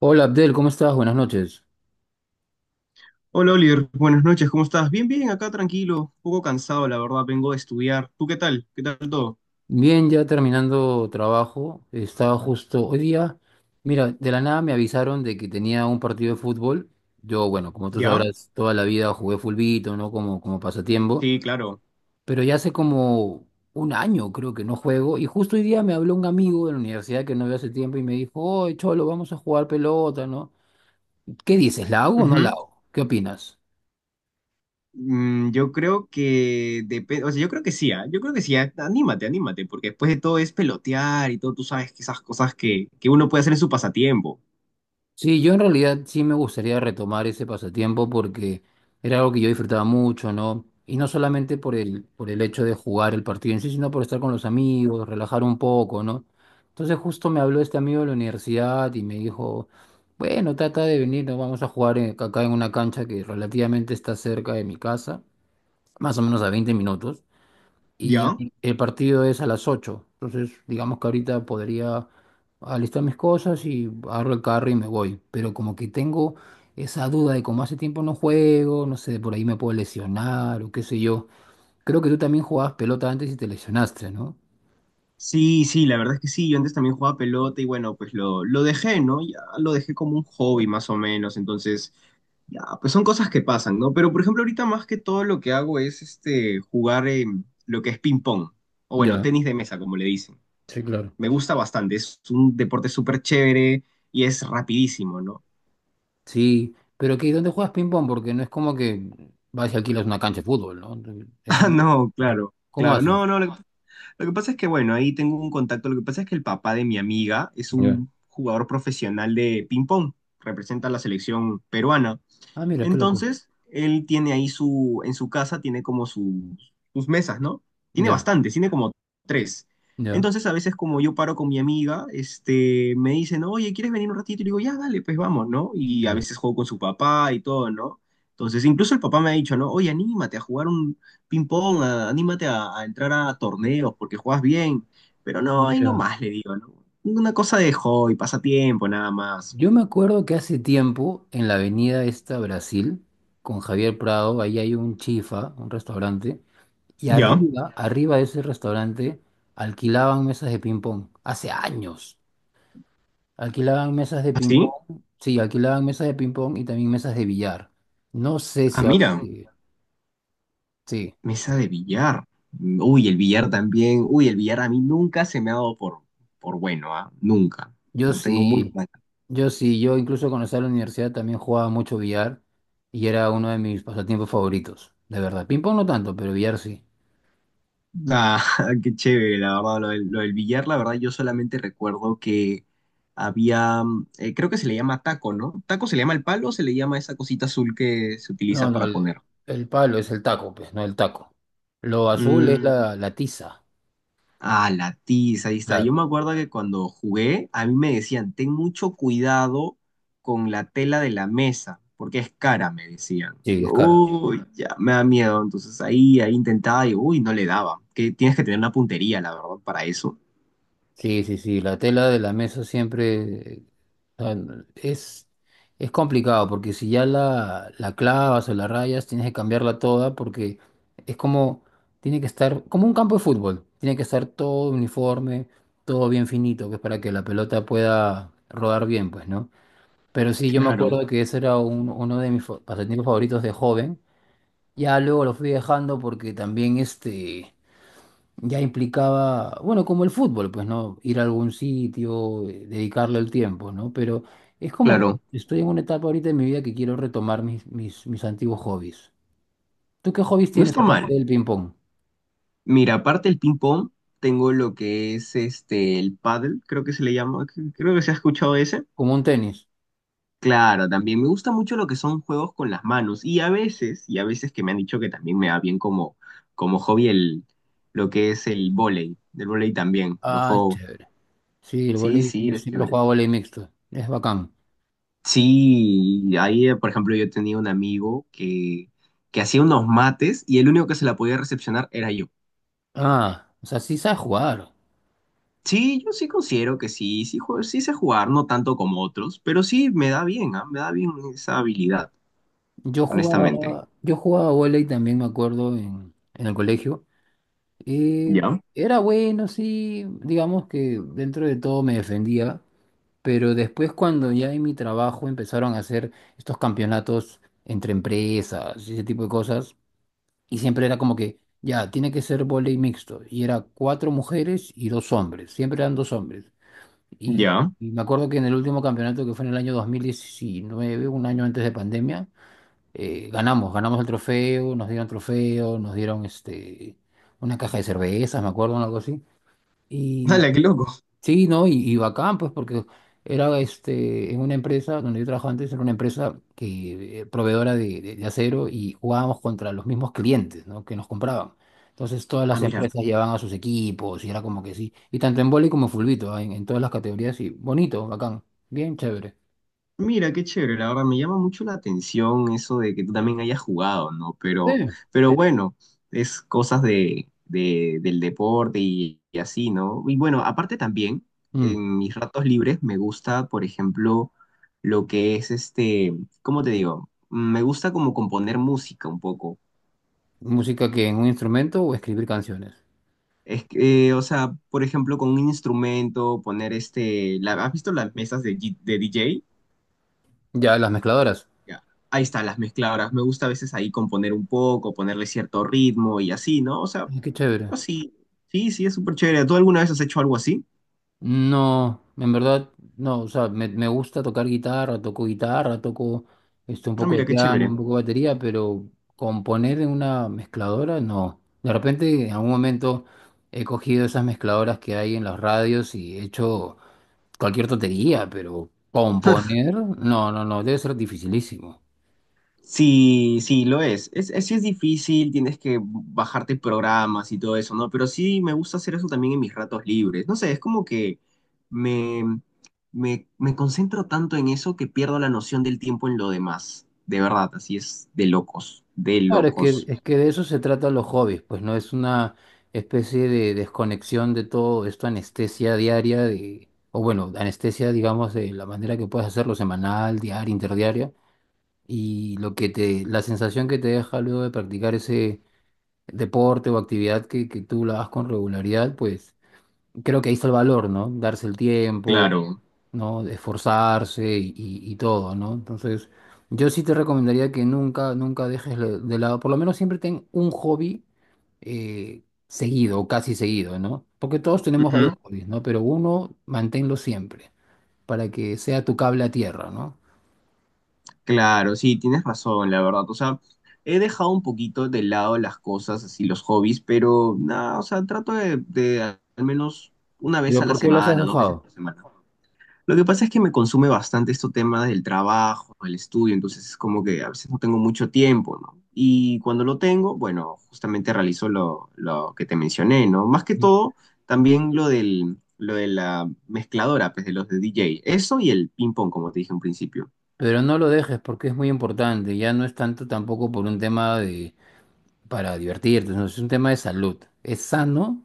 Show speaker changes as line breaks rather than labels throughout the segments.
Hola Abdel, ¿cómo estás? Buenas noches.
Hola Oliver, buenas noches, ¿cómo estás? Bien, bien, acá tranquilo, un poco cansado, la verdad, vengo de estudiar. ¿Tú qué tal? ¿Qué tal todo?
Bien, ya terminando trabajo. Estaba justo hoy día. Mira, de la nada me avisaron de que tenía un partido de fútbol. Yo, bueno, como tú
¿Ya?
sabrás, toda la vida jugué fulbito, ¿no? Como pasatiempo.
Sí, claro.
Pero ya hace como un año creo que no juego. Y justo hoy día me habló un amigo de la universidad que no veo hace tiempo y me dijo, oye, Cholo, vamos a jugar pelota, ¿no? ¿Qué dices? ¿La hago o no la
Ujú.
hago? ¿Qué opinas?
Yo creo que depende, o sea, yo creo que sí, ¿ah? Yo creo que sí, ah. Anímate, anímate, porque después de todo es pelotear y todo, tú sabes que esas cosas que uno puede hacer en su pasatiempo.
Sí, yo en realidad sí me gustaría retomar ese pasatiempo porque era algo que yo disfrutaba mucho, ¿no? Y no solamente por el hecho de jugar el partido en sí, sino por estar con los amigos, relajar un poco, ¿no? Entonces justo me habló este amigo de la universidad y me dijo, bueno, trata de venir, nos vamos a jugar acá en una cancha que relativamente está cerca de mi casa, más o menos a 20 minutos. Y
¿Ya?
el partido es a las 8. Entonces, digamos que ahorita podría alistar mis cosas y agarro el carro y me voy. Pero como que tengo esa duda de como hace tiempo no juego, no sé, por ahí me puedo lesionar o qué sé yo. Creo que tú también jugabas pelota antes y te lesionaste, ¿no?
Sí, sí, la verdad es que sí, yo antes también jugaba pelota y bueno, pues lo dejé, ¿no? Ya lo dejé como un hobby más o menos, entonces... Ya, pues son cosas que pasan, ¿no? Pero por ejemplo, ahorita más que todo lo que hago es este jugar lo que es ping pong, o bueno,
Ya,
tenis de mesa, como le dicen.
sí, claro.
Me gusta bastante, es un deporte súper chévere y es rapidísimo, ¿no?
Sí, pero que ¿dónde juegas ping-pong? Porque no es como que vas y alquilas una cancha de fútbol, ¿no? Eso,
Ah, no, claro,
¿cómo
claro.
haces?
No, no, lo que pasa es que, bueno, ahí tengo un contacto. Lo que pasa es que el papá de mi amiga es
Ya.
un jugador profesional de ping pong, representa a la selección peruana.
Ah, mira, qué loco.
Entonces, él tiene ahí en su casa, tiene como sus mesas, ¿no? Tiene
Ya,
bastantes, tiene como tres.
ya,
Entonces, a veces como yo paro con mi amiga, este, me dicen, oye, ¿quieres venir un ratito? Y le digo, ya, dale, pues vamos, ¿no? Y a
ya.
veces juego con su papá y todo, ¿no? Entonces, incluso el papá me ha dicho, ¿no? Oye, anímate a jugar un ping-pong, anímate a entrar a torneos porque juegas bien. Pero
Ah,
no, ahí
mira.
nomás le digo, ¿no? Una cosa de hobby, pasatiempo, nada más.
Yo me acuerdo que hace tiempo, en la avenida esta Brasil, con Javier Prado, ahí hay un chifa, un restaurante, y
¿Ya?
arriba, arriba de ese restaurante, alquilaban mesas de ping-pong. Hace años. Alquilaban mesas de
¿Así?
ping-pong. Sí, alquilaban mesas de ping-pong y también mesas de billar. No sé
Ah,
si ahora
mira.
sigue. Sí,
Mesa de billar. Uy, el billar también. Uy, el billar a mí nunca se me ha dado por bueno, ¿ah? Nunca.
yo
No tengo muy
sí.
mal.
Yo sí, yo incluso cuando estaba en la universidad también jugaba mucho billar y era uno de mis pasatiempos favoritos, de verdad. Ping-pong no tanto, pero billar sí.
Ah, qué chévere, la verdad. Lo del billar, la verdad, yo solamente recuerdo que había, creo que se le llama taco, ¿no? ¿Taco se le llama el palo o se le llama esa cosita azul que se
No,
utiliza
no,
para poner?
el palo es el taco, pues, no el taco. Lo azul es
Mm,
la tiza,
ah, la tiza, ahí está. Yo me
claro.
acuerdo que cuando jugué, a mí me decían, ten mucho cuidado con la tela de la mesa, porque es cara, me decían.
Sí,
Yo,
es cara.
uy, ya, me da miedo. Entonces ahí, ahí intentaba y, uy, no le daba. Que tienes que tener una puntería, la verdad, para eso.
Sí, sí, sí, la tela de la mesa siempre no, es complicado porque si ya la clavas o la rayas, tienes que cambiarla toda porque es como, tiene que estar, como un campo de fútbol, tiene que estar todo uniforme, todo bien finito, que es para que la pelota pueda rodar bien, pues, ¿no? Pero sí, yo me
Claro.
acuerdo que ese era uno de mis pasatiempos favoritos de joven. Ya luego lo fui dejando porque también este ya implicaba, bueno, como el fútbol, pues, ¿no? Ir a algún sitio, dedicarle el tiempo, ¿no? Pero es como que
Claro,
estoy en una etapa ahorita de mi vida que quiero retomar mis, mis antiguos hobbies. ¿Tú qué hobbies
no
tienes
está mal.
aparte del ping-pong?
Mira, aparte del ping-pong, tengo lo que es este, el paddle creo que se le llama. Creo que se ha escuchado ese.
Como un tenis.
Claro, también me gusta mucho lo que son juegos con las manos y y a veces que me han dicho que también me va bien como hobby lo que es el vóley, del vóley también, lo
Ah,
juego.
chévere. Sí, el
Sí,
vóley,
sí,
yo
es
siempre he
chévere.
jugado vóley mixto. Es bacán.
Sí, ahí por ejemplo yo tenía un amigo que hacía unos mates y el único que se la podía recepcionar era yo.
Ah, o sea, sí sabes jugar.
Sí, yo sí considero que sí, sí, sí sé jugar, no tanto como otros, pero sí me da bien, ah, me da bien esa habilidad, honestamente.
Yo jugaba vóley también, me acuerdo, en, el colegio. Eh,
¿Ya?
Era bueno, sí, digamos que dentro de todo me defendía, pero después cuando ya en mi trabajo empezaron a hacer estos campeonatos entre empresas y ese tipo de cosas, y siempre era como que, ya, tiene que ser vóley mixto, y era 4 mujeres y 2 hombres, siempre eran 2 hombres. Y,
¿Ya?
y me acuerdo que en el último campeonato, que fue en el año 2019, un año antes de pandemia, ganamos, ganamos el trofeo, nos dieron este, una caja de cervezas, me acuerdo, algo así. Y
¡Hala, qué loco!
sí, ¿no? Y bacán, pues, porque era este, en una empresa donde yo trabajaba antes, era una empresa que, proveedora de, de acero y jugábamos contra los mismos clientes, ¿no? Que nos compraban. Entonces todas
Ah,
las
mira.
empresas llevaban a sus equipos y era como que sí. Y tanto en vóley como en fulbito, ¿ah? en, todas las categorías, y bonito, bacán, bien chévere.
Mira, qué chévere, la verdad me llama mucho la atención eso de que tú también hayas jugado, ¿no?
Sí.
Pero bueno, es cosas de, del deporte y así, ¿no? Y bueno, aparte también,
Mm.
en mis ratos libres me gusta, por ejemplo, lo que es este, ¿cómo te digo? Me gusta como componer música un poco.
Música que en un instrumento o escribir canciones.
Es que, o sea, por ejemplo, con un instrumento, poner este, ¿has visto las mesas de, de DJ?
Ya, las mezcladoras.
Ya. Ahí está, las mezcladoras. Me gusta a veces ahí componer un poco, ponerle cierto ritmo y así, ¿no? O sea,
Ay, qué chévere.
así. Sí, sí, es súper chévere. ¿Tú alguna vez has hecho algo así?
No, en verdad, no, o sea, me gusta tocar guitarra, toco este, un
Ah,
poco de
mira, qué
piano,
chévere.
un poco de batería, pero componer en una mezcladora, no. De repente, en algún momento, he cogido esas mezcladoras que hay en las radios y he hecho cualquier tontería, pero componer, no, no, no, debe ser dificilísimo.
Sí, sí, lo es. Es, sí es difícil, tienes que bajarte programas y todo eso, ¿no? Pero sí me gusta hacer eso también en mis ratos libres. No sé, es como que me, me concentro tanto en eso que pierdo la noción del tiempo en lo demás. De verdad, así es de locos, de
Claro, es que,
locos.
es que de eso se trata los hobbies, pues no es una especie de desconexión de todo esto, anestesia diaria, de, o bueno, anestesia, digamos, de la manera que puedes hacerlo semanal, diaria, interdiaria, y lo que te, la sensación que te deja luego de practicar ese deporte o actividad que tú la hagas con regularidad, pues creo que ahí está el valor, ¿no? Darse el tiempo,
Claro.
¿no? De esforzarse y, y todo, ¿no? Entonces, yo sí te recomendaría que nunca, nunca dejes de lado, por lo menos siempre ten un hobby seguido o casi seguido, ¿no? Porque todos tenemos varios
Ujú.
hobbies, ¿no? Pero uno, manténlo siempre, para que sea tu cable a tierra, ¿no?
Claro, sí, tienes razón, la verdad. O sea, he dejado un poquito de lado las cosas, así los hobbies, pero nada, o sea, trato de al menos una vez
Pero
a la
¿por qué los has
semana, dos veces
dejado?
por semana. Lo que pasa es que me consume bastante este tema del trabajo, el estudio, entonces es como que a veces no tengo mucho tiempo, ¿no? Y cuando lo tengo, bueno, justamente realizo lo que te mencioné, ¿no? Más que
Ujú.
todo, también lo de la mezcladora, pues de los de DJ. Eso y el ping-pong, como te dije en principio.
Pero no lo dejes porque es muy importante, ya no es tanto tampoco por un tema de para divertirte, no, es un tema de salud. Es sano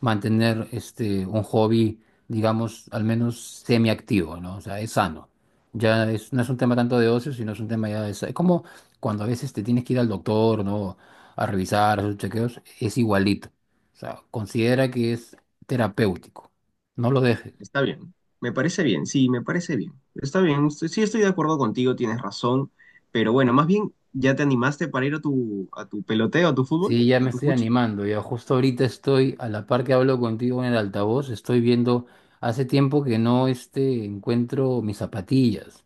mantener este, un hobby, digamos, al menos semiactivo, ¿no? O sea, es sano. Ya es, no es un tema tanto de ocio, sino es un tema ya de Es como cuando a veces te tienes que ir al doctor, ¿no? A revisar sus chequeos, es igualito. O sea, considera que es terapéutico. No lo dejes.
Está bien, me parece bien, sí, me parece bien. Está bien, sí estoy de acuerdo contigo, tienes razón, pero bueno, más bien, ¿ya te animaste para ir a tu peloteo, a tu fútbol,
Sí, ya me
a tu
estoy
fuchi?
animando. Ya justo ahorita estoy, a la par que hablo contigo en el altavoz, estoy viendo, hace tiempo que no este, encuentro mis zapatillas.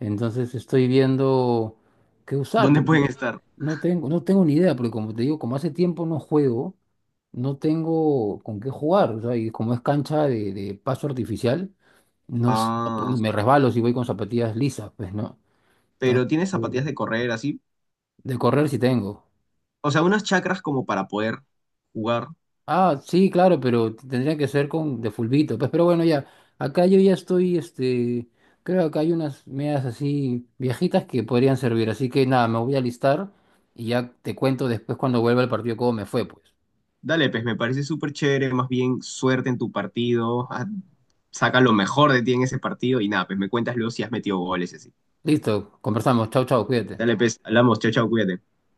Entonces estoy viendo qué usar,
¿Dónde
porque
pueden estar?
no tengo, no tengo ni idea, porque como te digo, como hace tiempo no juego, no tengo con qué jugar. O sea, y como es cancha de paso artificial, no,
Ah,
me resbalo si voy con zapatillas lisas, pues, ¿no?
pero tienes
Entonces,
zapatillas de correr, así.
de correr sí tengo.
O sea, unas chacras como para poder jugar.
Ah, sí, claro, pero tendría que ser con de fulbito, pues, pero bueno, ya, acá yo ya estoy, este, creo que acá hay unas medias así viejitas que podrían servir, así que nada, me voy a alistar y ya te cuento después cuando vuelva el partido cómo me fue, pues.
Dale, pues me parece súper chévere, más bien suerte en tu partido, ah, saca lo mejor de ti en ese partido y nada, pues me cuentas luego si has metido goles y así.
Listo, conversamos, chau, chau, cuídate.
Dale, pues, hablamos, chao, chao, cuídate.